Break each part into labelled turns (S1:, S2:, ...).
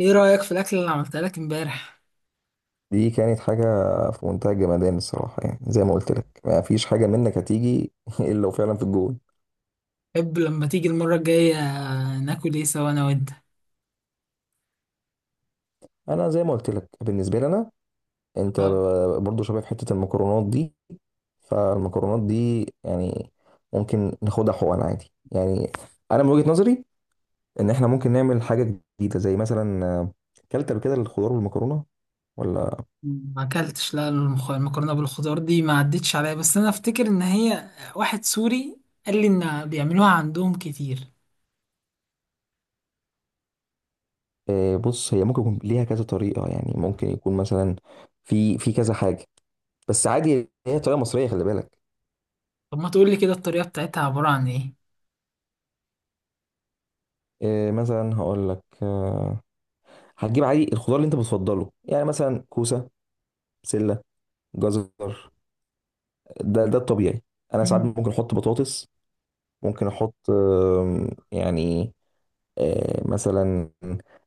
S1: ايه رأيك في الأكلة اللي عملتها لك امبارح؟
S2: دي كانت حاجة في منتهى الجمدان الصراحة، يعني زي ما قلت لك، ما فيش حاجة منك هتيجي إلا لو فعلا في الجول.
S1: حب لما تيجي المرة الجاية ناكل ايه سوا أنا وأنت؟
S2: أنا زي ما قلت لك بالنسبة لي، أنا أنت
S1: اه،
S2: برضو شباب حتة المكرونات دي. فالمكرونات دي يعني ممكن ناخدها حقن عادي يعني. أنا من وجهة نظري إن إحنا ممكن نعمل حاجة جديدة، زي مثلا كلت قبل كده الخضار والمكرونة، ولا؟
S1: ما أكلتش لا المكرونة بالخضار دي، ما عدتش عليا، بس أنا أفتكر إن هي واحد سوري قال لي إن بيعملوها عندهم كتير.
S2: بص، هي ممكن يكون ليها كذا طريقة، يعني ممكن يكون مثلا في كذا حاجة، بس عادي هي طريقة مصرية، خلي بالك.
S1: طب ما تقولي كده الطريقة بتاعتها عبارة عن ايه؟
S2: إيه مثلا هقول لك، هتجيب عادي الخضار اللي انت بتفضله، يعني مثلا كوسه، بسله، جزر، ده الطبيعي. انا ساعات
S1: مم.
S2: ممكن احط بطاطس، ممكن احط يعني مثلا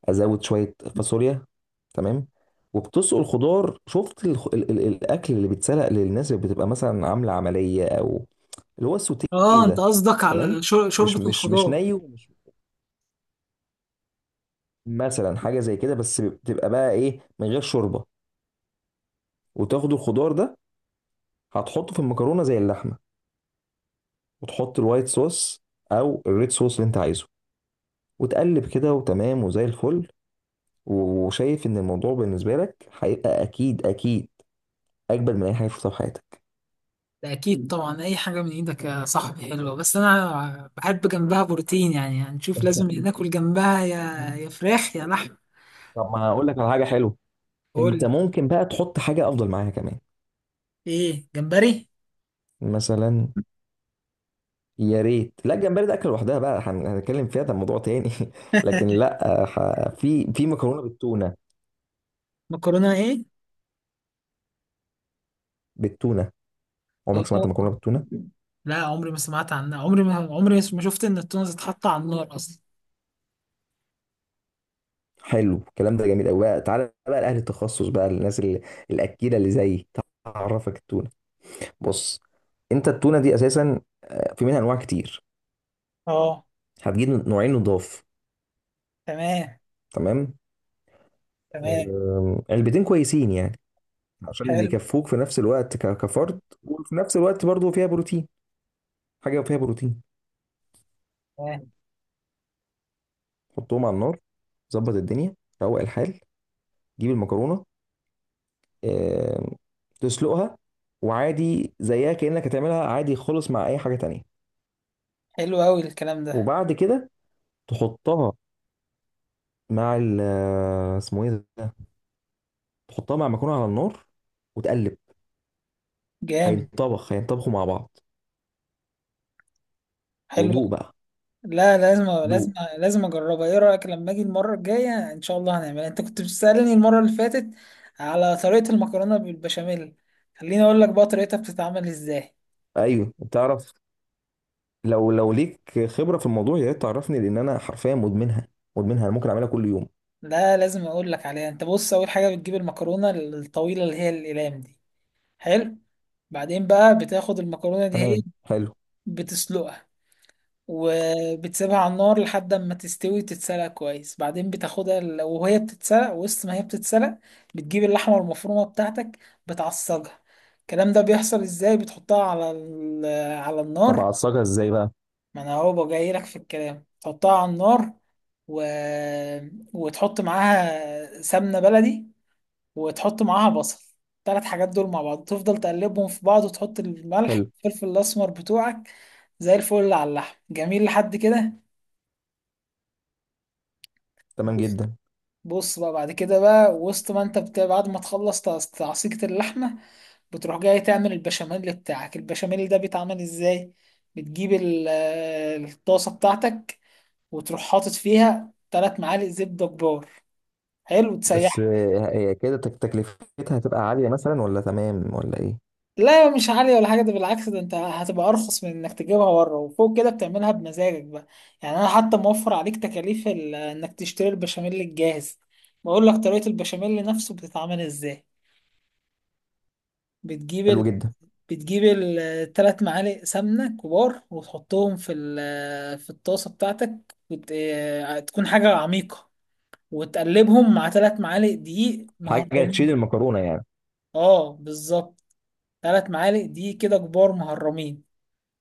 S2: ازود شويه فاصوليا، تمام. وبتسلق الخضار، شفت الخ- ال ال الاكل اللي بيتسلق للناس اللي بتبقى مثلا عامله عمليه، او اللي هو السوتيه،
S1: اه، أنت
S2: ده
S1: قصدك
S2: تمام.
S1: على
S2: مش
S1: شوربة
S2: مش مش
S1: الخضار.
S2: ني ومش مثلا حاجه زي كده، بس بتبقى بقى ايه، من غير شوربه. وتاخد الخضار ده، هتحطه في المكرونه زي اللحمه، وتحط الوايت صوص او الريد صوص اللي انت عايزه، وتقلب كده وتمام وزي الفل. وشايف ان الموضوع بالنسبه لك هيبقى اكيد اكيد اجمل من اي حاجه شفتها في حياتك.
S1: ده أكيد طبعا، أي حاجة من إيدك يا صاحبي حلوة، بس أنا بحب جنبها بروتين، يعني هنشوف لازم ناكل جنبها يا يا فراخ يا لحم.
S2: طب ما هقول لك على حاجه حلوه. انت
S1: قول.
S2: ممكن بقى تحط حاجه افضل معاها كمان،
S1: ايه، جمبري.
S2: مثلا. يا ريت، لا الجمبري ده اكل لوحدها بقى، هنتكلم فيها، ده موضوع تاني. لكن لا، في مكرونه بالتونه.
S1: مكرونه ايه؟
S2: بالتونه،
S1: اه
S2: عمرك سمعت مكرونه
S1: طبعاً.
S2: بالتونه؟
S1: لا عمري ما سمعت عنها، عمري ما شفت ان التونة تتحط على النار اصلا.
S2: حلو الكلام ده، جميل قوي بقى، تعالى بقى لاهل التخصص بقى، الاكيله اللي زيي تعرفك التونه. بص، انت التونه دي اساسا في منها انواع كتير.
S1: اه.
S2: هتجيب نوعين نضاف،
S1: تمام.
S2: تمام،
S1: تمام.
S2: علبتين كويسين يعني، عشان
S1: حلو.
S2: يكفوك في نفس الوقت كفرد، وفي نفس الوقت برضو فيها بروتين. حاجه فيها بروتين.
S1: تمام.
S2: حطهم على النار، ظبط الدنيا، روق الحال، جيب المكرونه، آم، تسلقها. وعادي زيها كانك هتعملها عادي خالص مع اي حاجه تانية.
S1: حلو قوي الكلام ده.
S2: وبعد كده تحطها مع ال آه، اسمه ايه ده، تحطها مع مكرونه على النار، وتقلب.
S1: جامد.
S2: هينطبخوا مع بعض.
S1: حلو
S2: ودوق
S1: أوي.
S2: بقى،
S1: لا، لازم لازم
S2: دوق.
S1: لازم اجربها، ايه رايك لما اجي المره الجايه ان شاء الله هنعملها. انت كنت بتسالني المره اللي فاتت على طريقه المكرونه بالبشاميل. خليني اقول لك بقى طريقتها بتتعمل ازاي.
S2: ايوه تعرف، لو ليك خبره في الموضوع، يا ريت تعرفني، لان انا حرفيا مدمنها، مدمنها، انا ممكن اعملها كل يوم.
S1: لا، لازم اقول لك عليها. انت بص، اول حاجه بتجيب المكرونه الطويله اللي هي الاقلام دي. حلو. بعدين بقى بتاخد المكرونة دي، هي
S2: تمام، حلو.
S1: بتسلقها، وبتسيبها على النار لحد ما تستوي وتتسلق كويس. بعدين بتاخدها وهي بتتسلق، وسط ما هي بتتسلق بتجيب اللحمة المفرومة بتاعتك، بتعصجها. الكلام ده بيحصل ازاي؟ بتحطها على على
S2: طب
S1: النار.
S2: اعصجها ازاي بقى؟
S1: ما انا اهو جاي لك في الكلام، تحطها على النار و... وتحط معاها سمنة بلدي، وتحط معاها بصل. التلات حاجات دول مع بعض تفضل تقلبهم في بعض، وتحط الملح
S2: حلو،
S1: والفلفل الأسمر بتوعك. زي الفل على اللحم، جميل لحد كده.
S2: تمام
S1: بص.
S2: جدا.
S1: بص بقى، بعد كده بقى، وسط ما انت بعد ما تخلص تعصيجة اللحمة، بتروح جاي تعمل البشاميل بتاعك. البشاميل ده بيتعمل ازاي؟ بتجيب الطاسة بتاعتك، وتروح حاطط فيها تلات معالق زبدة كبار. حلو
S2: بس
S1: تسيح.
S2: هي كده، تكلفتها هتبقى عاليه مثلا، ولا تمام، ولا ايه؟
S1: لا مش عالية ولا حاجة، ده بالعكس، ده انت هتبقى ارخص من انك تجيبها بره، وفوق كده بتعملها بمزاجك بقى. يعني انا حتى موفر عليك تكاليف انك تشتري البشاميل الجاهز. بقول لك طريقة البشاميل نفسه بتتعمل ازاي. بتجيب
S2: حلو
S1: ال...
S2: جدا.
S1: بتجيب الثلاث معالق سمنة كبار وتحطهم في في الطاسة بتاعتك، وت... اه، تكون حاجة عميقة. وتقلبهم مع ثلاث معالق دقيق
S2: حاجه تشيل
S1: مهرمين.
S2: المكرونه يعني،
S1: اه بالظبط. ثلاث معالق دقيق كده كبار مهرمين.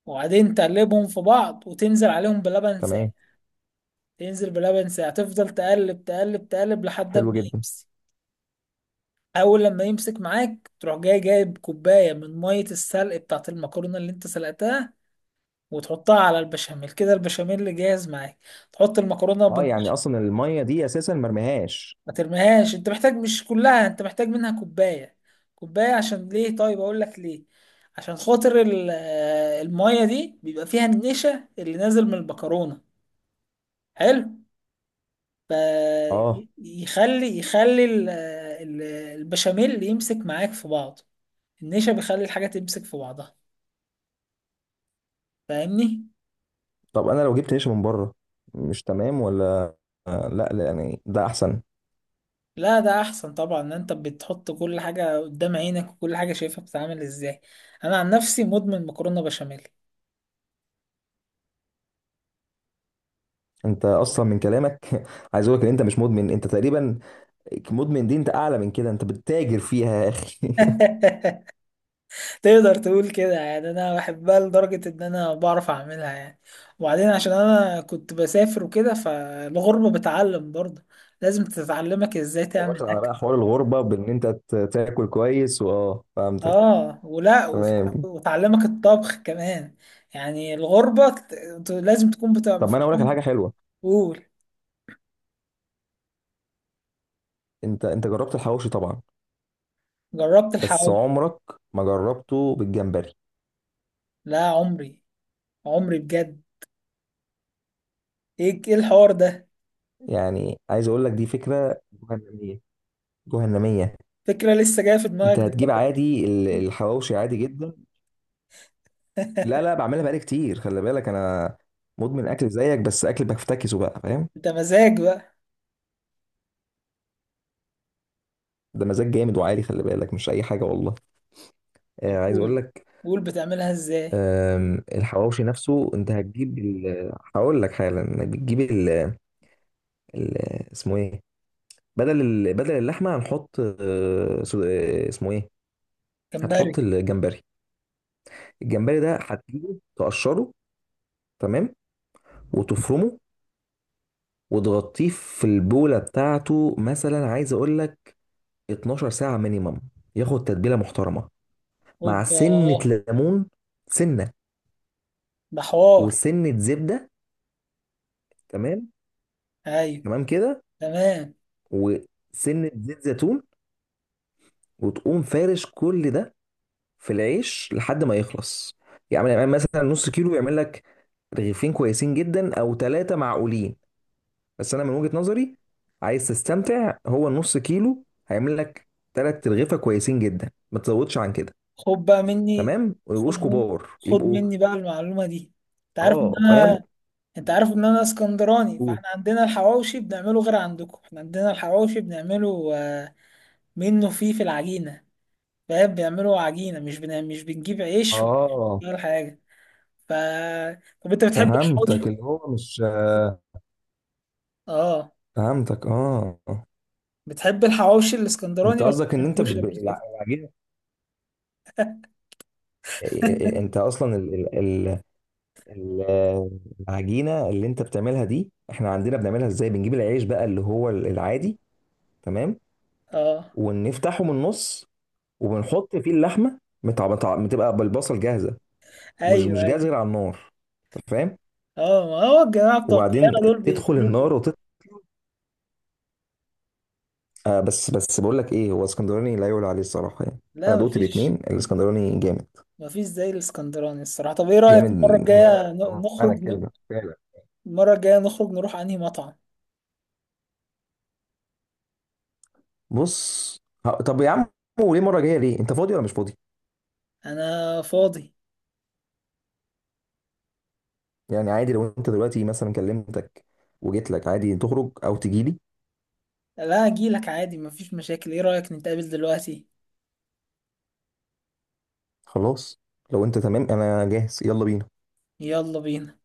S1: وبعدين تقلبهم في بعض وتنزل عليهم بلبن ساقع.
S2: تمام،
S1: تنزل بلبن ساقع، تفضل تقلب تقلب تقلب لحد
S2: حلو
S1: ما
S2: جدا.
S1: يمسك. اول لما يمسك معاك تروح جاي جايب كوبايه من ميه السلق بتاعت المكرونه اللي انت سلقتها، وتحطها على البشاميل كده، البشاميل اللي جاهز معاك. تحط المكرونه
S2: اه،
S1: من
S2: يعني
S1: تحت.
S2: اصلا الميه دي اساسا مرميهاش.
S1: ما ترميهاش، انت محتاج مش كلها، انت محتاج منها كوبايه. كوبايه عشان ليه؟ طيب اقول لك ليه. عشان خاطر الميه دي بيبقى فيها النشا اللي نازل من المكرونه. حلو.
S2: اه،
S1: فيخلي البشاميل يمسك معاك في بعض. النشا بيخلي الحاجة تمسك في بعضها. فاهمني؟
S2: طب انا لو جبت عيش من بره، مش تمام ولا؟ لا لا يعني ده احسن.
S1: لا ده أحسن طبعا، إن أنت بتحط كل حاجة قدام عينك وكل حاجة شايفها بتتعمل إزاي. أنا عن نفسي مدمن مكرونة بشاميل.
S2: انت اصلا من كلامك عايز اقول لك ان انت مش مدمن، انت تقريبا مدمن، دي انت اعلى من كده، انت بتتاجر فيها يا اخي
S1: تقدر تقول كده، يعني أنا بحبها لدرجة إن أنا بعرف أعملها يعني. وبعدين عشان أنا كنت بسافر وكده، فالغربة بتعلم برضه. لازم تتعلمك إزاي
S2: او، واخد
S1: تعمل.
S2: على بقى حوار الغربه، بان انت تاكل كويس، واه فهمتك،
S1: اه ولا
S2: تمام.
S1: وتعلمك الطبخ كمان. يعني الغربة لازم تكون، بتبقى
S2: طب ما انا
S1: مفيش
S2: اقول لك على حاجه
S1: واحد.
S2: حلوه.
S1: قول.
S2: انت جربت الحواوشي طبعا.
S1: جربت
S2: بس
S1: الحواوشي.
S2: عمرك ما جربته بالجمبري،
S1: لا عمري. عمري بجد. ايه الحوار ده؟
S2: يعني عايز اقول لك دي فكره جهنميه، جهنميه.
S1: فكرة لسه جاية في دماغك
S2: انت هتجيب
S1: دلوقتي.
S2: عادي الحواوشي عادي جدا. لا لا، بعملها بقالي كتير خلي بالك، انا مدمن اكل زيك، بس اكل بفتكسه بقى، فاهم.
S1: انت مزاج بقى.
S2: ده مزاج جامد وعالي، خلي بالك مش اي حاجه والله.
S1: طب
S2: عايز اقول
S1: قول.
S2: لك،
S1: قول بتعملها ازاي.
S2: الحواوشي نفسه، انت هتجيب هقول لك حالا، بتجيب ال- اسمه ايه، بدل اللحمه هنحط اسمه ايه،
S1: جمبري.
S2: هتحط الجمبري. الجمبري ده هتجيبه، تقشره، تمام، وتفرمه، وتغطيه في البوله بتاعته، مثلا عايز اقول لك 12 ساعة مينيمم، ياخد تتبيلة محترمة، مع
S1: اوبا.
S2: سنة ليمون، سنة،
S1: ده حوار.
S2: وسنة زبدة، تمام،
S1: ايوه.
S2: تمام كده،
S1: تمام.
S2: وسنة زيت زيتون، وتقوم فارش كل ده في العيش لحد ما يخلص، يعمل يعني مثلا نص كيلو يعمل لك رغيفين كويسين جدا او ثلاثة معقولين. بس انا من وجهة نظري، عايز تستمتع، هو النص كيلو هيعمل لك ثلاث رغيفة كويسين جدا، ما تزودش عن كده.
S1: خد بقى مني.
S2: تمام،
S1: خد
S2: ويبقوش
S1: مني.
S2: كبار
S1: خد
S2: يبقوا.
S1: مني بقى المعلومة دي. انت عارف ان
S2: اه فاهم.
S1: انا، انت عارف ان انا اسكندراني، فاحنا عندنا الحواوشي بنعمله غير عندكم. احنا عندنا الحواوشي بنعمله منه فيه في العجينه. فاهم، بنعمله عجينه، مش مش بنجيب عيش
S2: اه
S1: ولا حاجه. ف طب انت بتحب الحواوشي؟
S2: فهمتك اللي هو مش
S1: اه،
S2: فهمتك، اه.
S1: بتحب الحواوشي
S2: انت
S1: الاسكندراني ولا
S2: قصدك
S1: ما
S2: ان انت
S1: عملتوش قبل كده؟
S2: العجينه. انت اصلا العجينه اللي انت بتعملها دي، احنا عندنا بنعملها ازاي، بنجيب العيش بقى اللي هو العادي، تمام.
S1: اه.
S2: ونفتحه من النص، وبنحط فيه اللحمه بتبقى بالبصل جاهزه، مش
S1: ايوه
S2: مش جاهزه
S1: ايوه.
S2: غير على النار، انت فاهم.
S1: اه ما هو الجماعه بتوع
S2: وبعدين
S1: القاهره دول
S2: تدخل
S1: بياكلوا كده.
S2: النار. آه بس بقول لك ايه، هو اسكندراني لا يعلى عليه الصراحه يعني. انا
S1: لا
S2: دوت الاثنين،
S1: مفيش،
S2: الاسكندراني جامد،
S1: مفيش زي الاسكندراني الصراحه. طب ايه رايك
S2: جامد
S1: المره
S2: بمعنى
S1: الجايه
S2: بمعنى
S1: نخرج
S2: الكلمه فعلا.
S1: المره الجايه نخرج نروح انهي مطعم؟
S2: بص، طب يا عم، وليه مره جايه؟ ليه، انت فاضي ولا مش فاضي؟
S1: انا فاضي.
S2: يعني عادي، لو انت دلوقتي مثلا كلمتك وجيت لك عادي، تخرج او تجي لي.
S1: لا اجيلك عادي مفيش مشاكل، ايه رأيك نتقابل دلوقتي؟
S2: خلاص، لو انت تمام انا جاهز، يلا بينا.
S1: يلا بينا.